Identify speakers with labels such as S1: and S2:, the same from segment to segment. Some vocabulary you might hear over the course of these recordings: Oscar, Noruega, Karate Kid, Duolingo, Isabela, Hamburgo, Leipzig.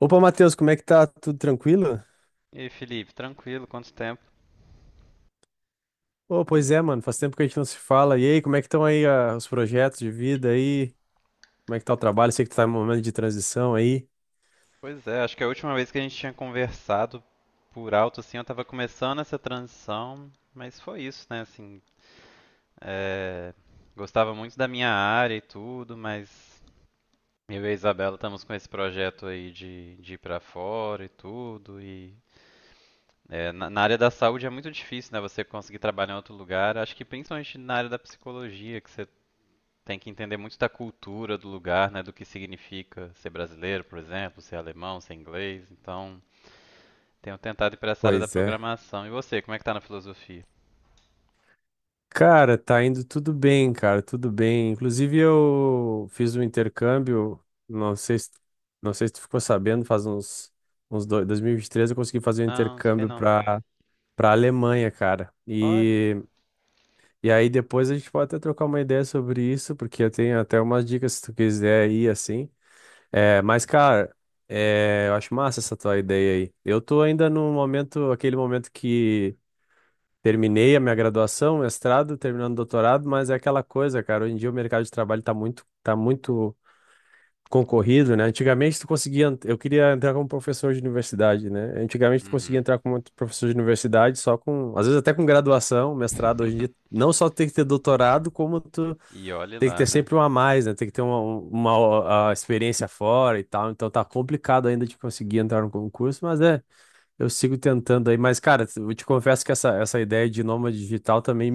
S1: Opa, Matheus, como é que tá? Tudo tranquilo?
S2: E aí, Felipe, tranquilo, quanto tempo?
S1: Pô, pois é, mano, faz tempo que a gente não se fala. E aí, como é que estão aí os projetos de vida aí? Como é que tá o trabalho? Sei que tu tá em um momento de transição aí.
S2: Pois é, acho que a última vez que a gente tinha conversado por alto, assim, eu tava começando essa transição, mas foi isso, né, assim, é, gostava muito da minha área e tudo, mas eu e a Isabela estamos com esse projeto aí de ir pra fora e tudo, e é, na área da saúde é muito difícil, né, você conseguir trabalhar em outro lugar, acho que principalmente na área da psicologia, que tem que entender muito da cultura do lugar, né? Do que significa ser brasileiro, por exemplo, ser alemão, ser inglês. Então, tenho tentado ir para essa área da
S1: Pois é.
S2: programação. E você, como é que tá na filosofia?
S1: Cara, tá indo tudo bem, cara, tudo bem. Inclusive, eu fiz um intercâmbio, não sei se, não sei se tu ficou sabendo, uns 2, 2023 eu consegui fazer um
S2: Não, não sei
S1: intercâmbio
S2: não.
S1: pra Alemanha, cara.
S2: Olha.
S1: E aí depois a gente pode até trocar uma ideia sobre isso, porque eu tenho até umas dicas se tu quiser ir assim. Mas, cara, eu acho massa essa tua ideia aí. Eu tô ainda no momento, aquele momento que terminei a minha graduação, mestrado, terminando o doutorado, mas é aquela coisa, cara, hoje em dia o mercado de trabalho tá muito, tá muito concorrido, né? Antigamente tu conseguia, eu queria entrar como professor de universidade, né? Antigamente tu conseguia
S2: Uhum.
S1: entrar como professor de universidade só com, às vezes até com graduação, mestrado, hoje em dia não só tem que ter doutorado, como tu
S2: E olhe
S1: tem que
S2: lá,
S1: ter
S2: né?
S1: sempre um a mais, né? Tem que ter a experiência fora e tal, então tá complicado ainda de conseguir entrar no concurso, mas é, eu sigo tentando aí, mas cara, eu te confesso que essa ideia de nômade digital também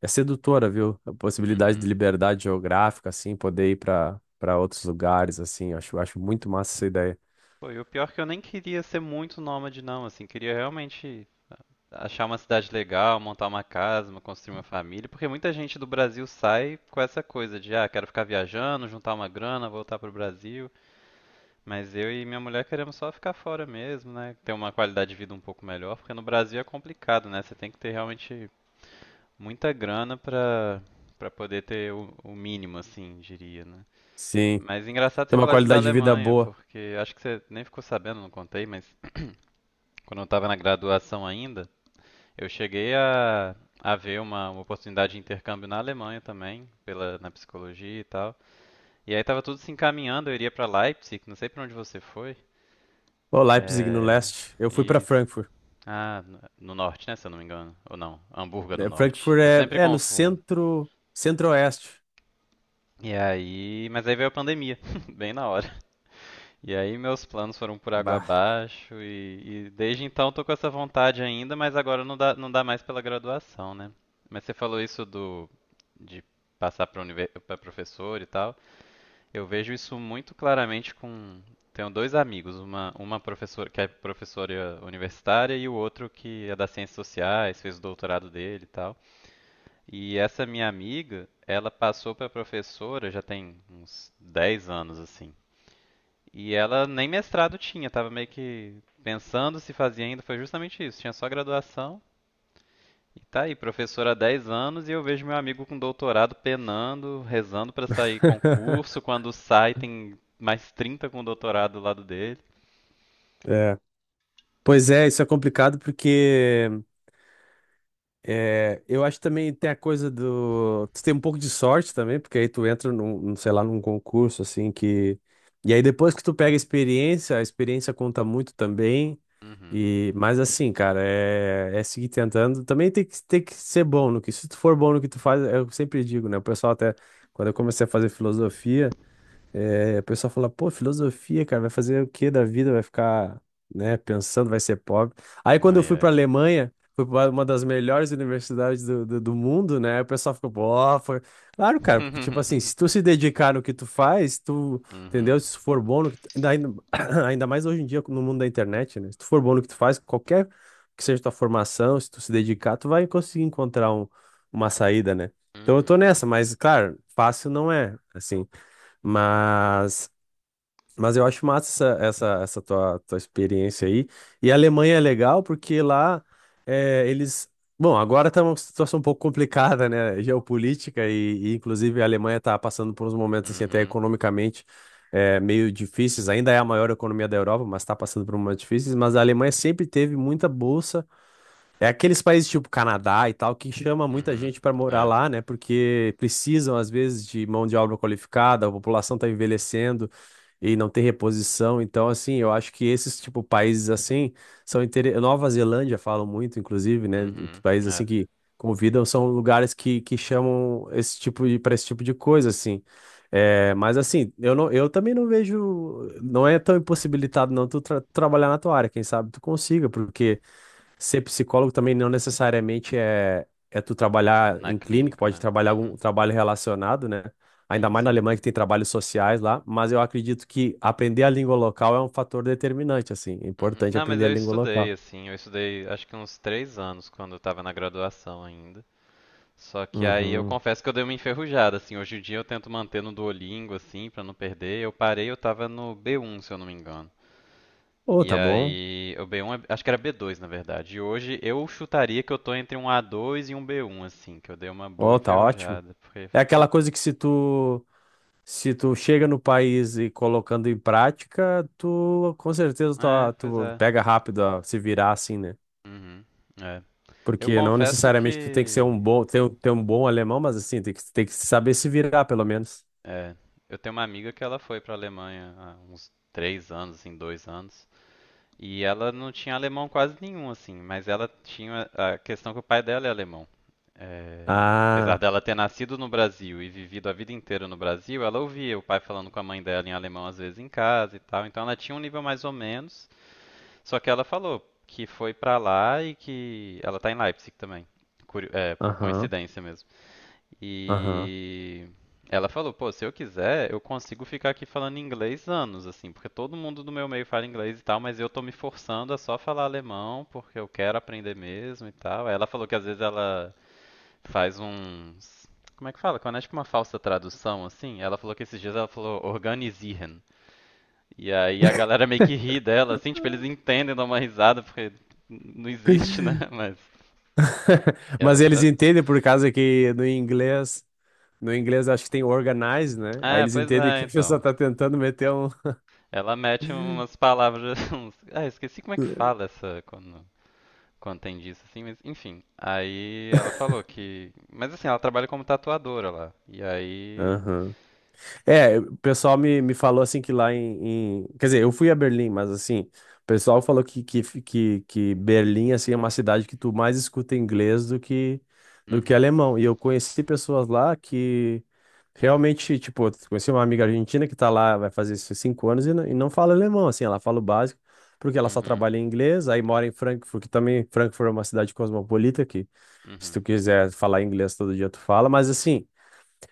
S1: é sedutora, viu? A possibilidade de
S2: Uhum.
S1: liberdade geográfica, assim, poder ir para outros lugares, assim. Acho muito massa essa ideia.
S2: Pô, e o pior é que eu nem queria ser muito nômade, não, assim, queria realmente achar uma cidade legal, montar uma casa, construir uma família, porque muita gente do Brasil sai com essa coisa de, ah, quero ficar viajando, juntar uma grana, voltar pro Brasil. Mas eu e minha mulher queremos só ficar fora mesmo, né? Ter uma qualidade de vida um pouco melhor, porque no Brasil é complicado, né? Você tem que ter realmente muita grana pra poder ter o mínimo, assim, diria, né?
S1: Sim,
S2: Mas engraçado
S1: tem
S2: você
S1: uma
S2: falar isso da
S1: qualidade de vida
S2: Alemanha,
S1: boa.
S2: porque acho que você nem ficou sabendo, não contei, mas quando eu estava na graduação ainda, eu cheguei a ver uma oportunidade de intercâmbio na Alemanha também, na psicologia e tal. E aí tava tudo se encaminhando, eu iria para Leipzig, não sei para onde você foi.
S1: Ô, Leipzig no
S2: É,
S1: leste. Eu fui para
S2: e
S1: Frankfurt.
S2: Ah, no norte, né? Se eu não me engano. Ou não, Hamburgo é no
S1: É,
S2: norte.
S1: Frankfurt
S2: Eu sempre
S1: é, é no
S2: confundo.
S1: centro, centro-oeste.
S2: E aí, mas aí veio a pandemia, bem na hora. E aí meus planos foram por água
S1: Bah.
S2: abaixo e desde então tô com essa vontade ainda, mas agora não dá, não dá mais pela graduação, né? Mas você falou isso do de passar para univer... para professor e tal. Eu vejo isso muito claramente com tenho dois amigos, uma professora que é professora universitária e o outro que é das ciências sociais, fez o doutorado dele e tal. E essa minha amiga, ela passou para professora já tem uns 10 anos assim. E ela nem mestrado tinha, tava meio que pensando se fazia ainda, foi justamente isso, tinha só graduação. E tá aí, professora há 10 anos e eu vejo meu amigo com doutorado penando, rezando para sair concurso, quando sai tem mais trinta com doutorado do lado dele.
S1: É. Pois é, isso é complicado porque é, eu acho que também tem a coisa do. Tu tem um pouco de sorte também, porque aí tu entra sei lá, num concurso assim que. E aí depois que tu pega a experiência conta muito também.
S2: Uhum.
S1: E mas assim, cara, é seguir tentando. Também tem que ser bom no que. Se tu for bom no que tu faz, eu sempre digo, né? O pessoal até. Quando eu comecei a fazer filosofia. É, o pessoal fala, pô, filosofia, cara, vai fazer o que da vida? Vai ficar, né, pensando, vai ser pobre. Aí quando eu
S2: Ai,
S1: fui pra
S2: ai.
S1: Alemanha, foi pra uma das melhores universidades do mundo, né? O pessoal ficou, pô, foi. Claro, cara, porque, tipo assim, se tu se dedicar no que tu faz, tu,
S2: Uhum.
S1: entendeu? Se tu for bom no que tu ainda, ainda mais hoje em dia no mundo da internet, né? Se tu for bom no que tu faz, qualquer que seja tua formação, se tu se dedicar, tu vai conseguir encontrar uma saída, né? Então eu tô
S2: Uhum.
S1: nessa, mas, claro, fácil não é, assim. Mas, mas eu acho massa essa tua experiência aí. E a Alemanha é legal porque lá eles. Bom, agora tá uma situação um pouco complicada, né? Geopolítica, inclusive a Alemanha está passando por uns momentos assim, até
S2: Uhum.
S1: economicamente meio difíceis. Ainda é a maior economia da Europa, mas está passando por momentos difíceis. Mas a Alemanha sempre teve muita bolsa é aqueles países tipo Canadá e tal que chama muita
S2: Uhum.
S1: gente para morar
S2: É.
S1: lá, né? Porque precisam às vezes de mão de obra qualificada, a população tá envelhecendo e não tem reposição. Então, assim, eu acho que esses tipo países assim são inter Nova Zelândia falam muito, inclusive, né?
S2: Uhum.
S1: Países
S2: É.
S1: assim que convidam são lugares que chamam esse tipo de para esse tipo de coisa, assim. É, mas assim, eu não, eu também não vejo, não é tão impossibilitado não tu trabalhar na tua área. Quem sabe tu consiga, porque ser psicólogo também não necessariamente é tu trabalhar
S2: Na
S1: em clínica,
S2: clínica,
S1: pode
S2: né?
S1: trabalhar
S2: Uhum.
S1: algum trabalho relacionado, né? Ainda
S2: Sim,
S1: mais na
S2: sim.
S1: Alemanha que tem trabalhos sociais lá, mas eu acredito que aprender a língua local é um fator determinante, assim, é
S2: Uhum.
S1: importante
S2: Não, mas
S1: aprender a
S2: eu
S1: língua
S2: estudei,
S1: local.
S2: assim, eu estudei acho que uns 3 anos quando eu tava na graduação ainda. Só que aí eu
S1: Uhum.
S2: confesso que eu dei uma enferrujada, assim, hoje em dia eu tento manter no Duolingo, assim, pra não perder. Eu parei, eu tava no B1, se eu não me engano.
S1: Oh,
S2: E
S1: tá bom.
S2: aí, o B1, acho que era B2, na verdade. E hoje eu chutaria que eu tô entre um A2 e um B1, assim, que eu dei uma boa
S1: Oh, tá ótimo.
S2: enferrujada, porque...
S1: É aquela coisa que se tu chega no país e colocando em prática, tu com certeza
S2: é,
S1: tu,
S2: pois
S1: tu
S2: é.
S1: pega rápido a se virar assim, né?
S2: Uhum. É. Eu
S1: Porque não
S2: confesso
S1: necessariamente tu tem que ser um
S2: que
S1: bom, ter, ter um bom alemão, mas assim, tem que saber se virar, pelo menos.
S2: É, eu tenho uma amiga que ela foi pra Alemanha há uns 3 anos, assim, 2 anos, e ela não tinha alemão quase nenhum, assim, mas ela tinha a questão que o pai dela é alemão. É, apesar
S1: Ah,
S2: dela ter nascido no Brasil e vivido a vida inteira no Brasil, ela ouvia o pai falando com a mãe dela em alemão às vezes em casa e tal, então ela tinha um nível mais ou menos, só que ela falou que foi pra lá e que ela tá em Leipzig também, por
S1: aham,
S2: coincidência mesmo.
S1: aham.
S2: E ela falou, pô, se eu quiser, eu consigo ficar aqui falando inglês anos, assim, porque todo mundo do meu meio fala inglês e tal, mas eu tô me forçando a só falar alemão, porque eu quero aprender mesmo e tal. Aí ela falou que às vezes ela faz uns. Como é que fala? Quando é tipo uma falsa tradução, assim, ela falou que esses dias ela falou organisieren. E aí a galera meio que ri dela, assim, tipo, eles entendem, dão uma risada, porque não existe, né? Mas ela.
S1: Mas eles
S2: Tra...
S1: entendem por causa que no inglês acho que tem organize, né? Aí
S2: ah,
S1: eles
S2: pois
S1: entendem
S2: é,
S1: que a pessoa
S2: então.
S1: tá tentando meter um.
S2: Ela mete umas palavras. Ah, esqueci como é que fala essa quando tem disso, assim, mas enfim. Aí ela falou que. Mas assim, ela trabalha como tatuadora lá. E aí.
S1: Aham. É, o pessoal me falou assim que lá quer dizer, eu fui a Berlim, mas assim, o pessoal falou que Berlim assim, é uma cidade que tu mais escuta inglês do que
S2: Uhum,
S1: alemão. E eu conheci pessoas lá que realmente, tipo, eu conheci uma amiga argentina que tá lá, vai fazer esses 5 anos e e não fala alemão, assim, ela fala o básico, porque ela só
S2: uhum,
S1: trabalha em inglês, aí mora em Frankfurt, que também Frankfurt é uma cidade cosmopolita, que se tu
S2: uhum,
S1: quiser falar inglês todo dia, tu fala, mas assim.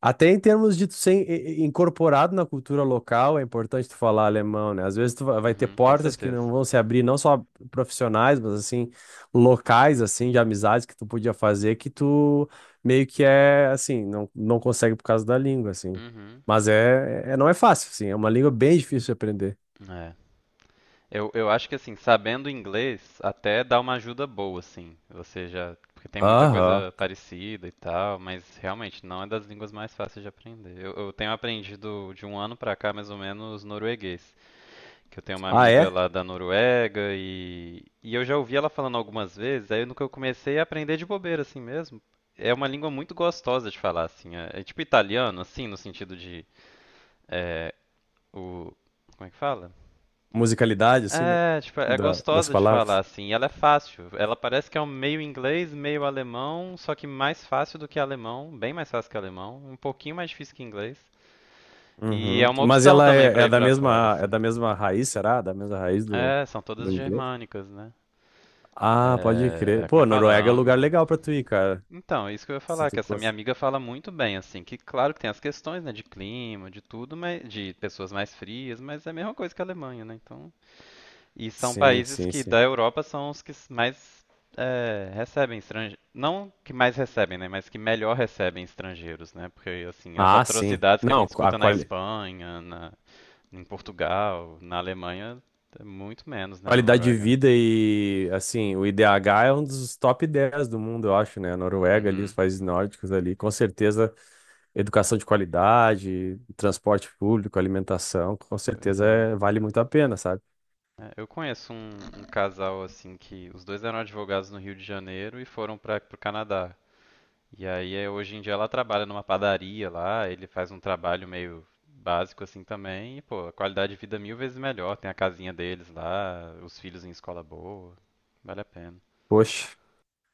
S1: Até em termos de tu ser incorporado na cultura local, é importante tu falar alemão, né? Às vezes tu vai ter
S2: uhum, com
S1: portas que
S2: certeza.
S1: não vão se abrir, não só profissionais, mas assim, locais, assim, de amizades que tu podia fazer, que tu meio que é, assim, não consegue por causa da língua, assim.
S2: Uhum.
S1: Mas não é fácil, assim, é uma língua bem difícil de aprender.
S2: É. Eu acho que assim, sabendo inglês até dá uma ajuda boa, assim. Você já. Porque tem muita
S1: Aham.
S2: coisa parecida e tal, mas realmente não é das línguas mais fáceis de aprender. Eu tenho aprendido de 1 ano pra cá, mais ou menos, norueguês. Que eu tenho uma
S1: Ah,
S2: amiga
S1: é?
S2: lá da Noruega e eu já ouvi ela falando algumas vezes, aí no que eu comecei a aprender de bobeira assim mesmo. É uma língua muito gostosa de falar, assim. É tipo italiano, assim, no sentido de. é, o, como é que fala?
S1: Musicalidade, assim,
S2: É, tipo, é
S1: das
S2: gostosa de falar,
S1: palavras.
S2: assim. E ela é fácil. Ela parece que é um meio inglês, meio alemão, só que mais fácil do que alemão, bem mais fácil que alemão, um pouquinho mais difícil que inglês. E é
S1: Uhum.
S2: uma
S1: Mas
S2: opção
S1: ela
S2: também
S1: é,
S2: pra
S1: é
S2: ir
S1: da
S2: pra fora,
S1: mesma, é
S2: assim.
S1: da mesma raiz, será? Da mesma raiz do
S2: É, são
S1: do
S2: todas
S1: inglês?
S2: germânicas, né?
S1: Ah, pode crer.
S2: Como é
S1: Pô,
S2: que fala?
S1: Noruega é um lugar
S2: Ângulo.
S1: legal pra tu ir, cara.
S2: Então, é isso que eu ia
S1: Se
S2: falar,
S1: tu
S2: que essa minha
S1: gosta.
S2: amiga fala muito bem, assim, que claro que tem as questões, né, de clima, de tudo, mas, de pessoas mais frias, mas é a mesma coisa que a Alemanha, né, então... E são
S1: Sim,
S2: países
S1: sim,
S2: que
S1: sim.
S2: da Europa são os que mais é, recebem estrangeiros, não que mais recebem, né, mas que melhor recebem estrangeiros, né, porque, assim, as
S1: Ah, sim.
S2: atrocidades que a
S1: Não,
S2: gente
S1: a
S2: escuta na Espanha, em Portugal, na Alemanha, é muito menos, né, na
S1: qualidade de
S2: Noruega. Mesmo.
S1: vida e, assim, o IDH é um dos top 10 do mundo, eu acho, né? A Noruega ali, os
S2: Uhum,
S1: países nórdicos ali, com certeza, educação de qualidade, transporte público, alimentação, com
S2: pois
S1: certeza
S2: é.
S1: é vale muito a pena, sabe?
S2: É, eu conheço um casal assim que os dois eram advogados no Rio de Janeiro e foram para o Canadá. E aí é, hoje em dia ela trabalha numa padaria lá, ele faz um trabalho meio básico assim também, e pô, a qualidade de vida é 1.000 vezes melhor, tem a casinha deles lá, os filhos em escola boa, vale a pena.
S1: Poxa.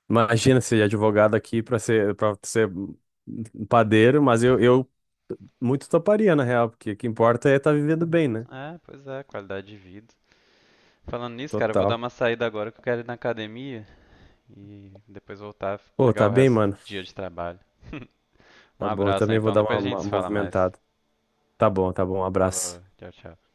S1: Imagina ser advogado aqui para ser padeiro, mas eu muito toparia, na real, porque o que importa é estar vivendo bem, né?
S2: É, pois é, qualidade de vida. Falando nisso, cara, eu vou dar
S1: Total.
S2: uma saída agora que eu quero ir na academia e depois voltar,
S1: Pô,
S2: pegar
S1: tá
S2: o
S1: bem,
S2: resto do
S1: mano.
S2: dia de trabalho. Um
S1: Tá bom, eu
S2: abraço,
S1: também vou
S2: então,
S1: dar
S2: depois a gente
S1: uma
S2: se fala mais.
S1: movimentada. Tá bom, tá bom. Um abraço.
S2: Falou, tchau, tchau.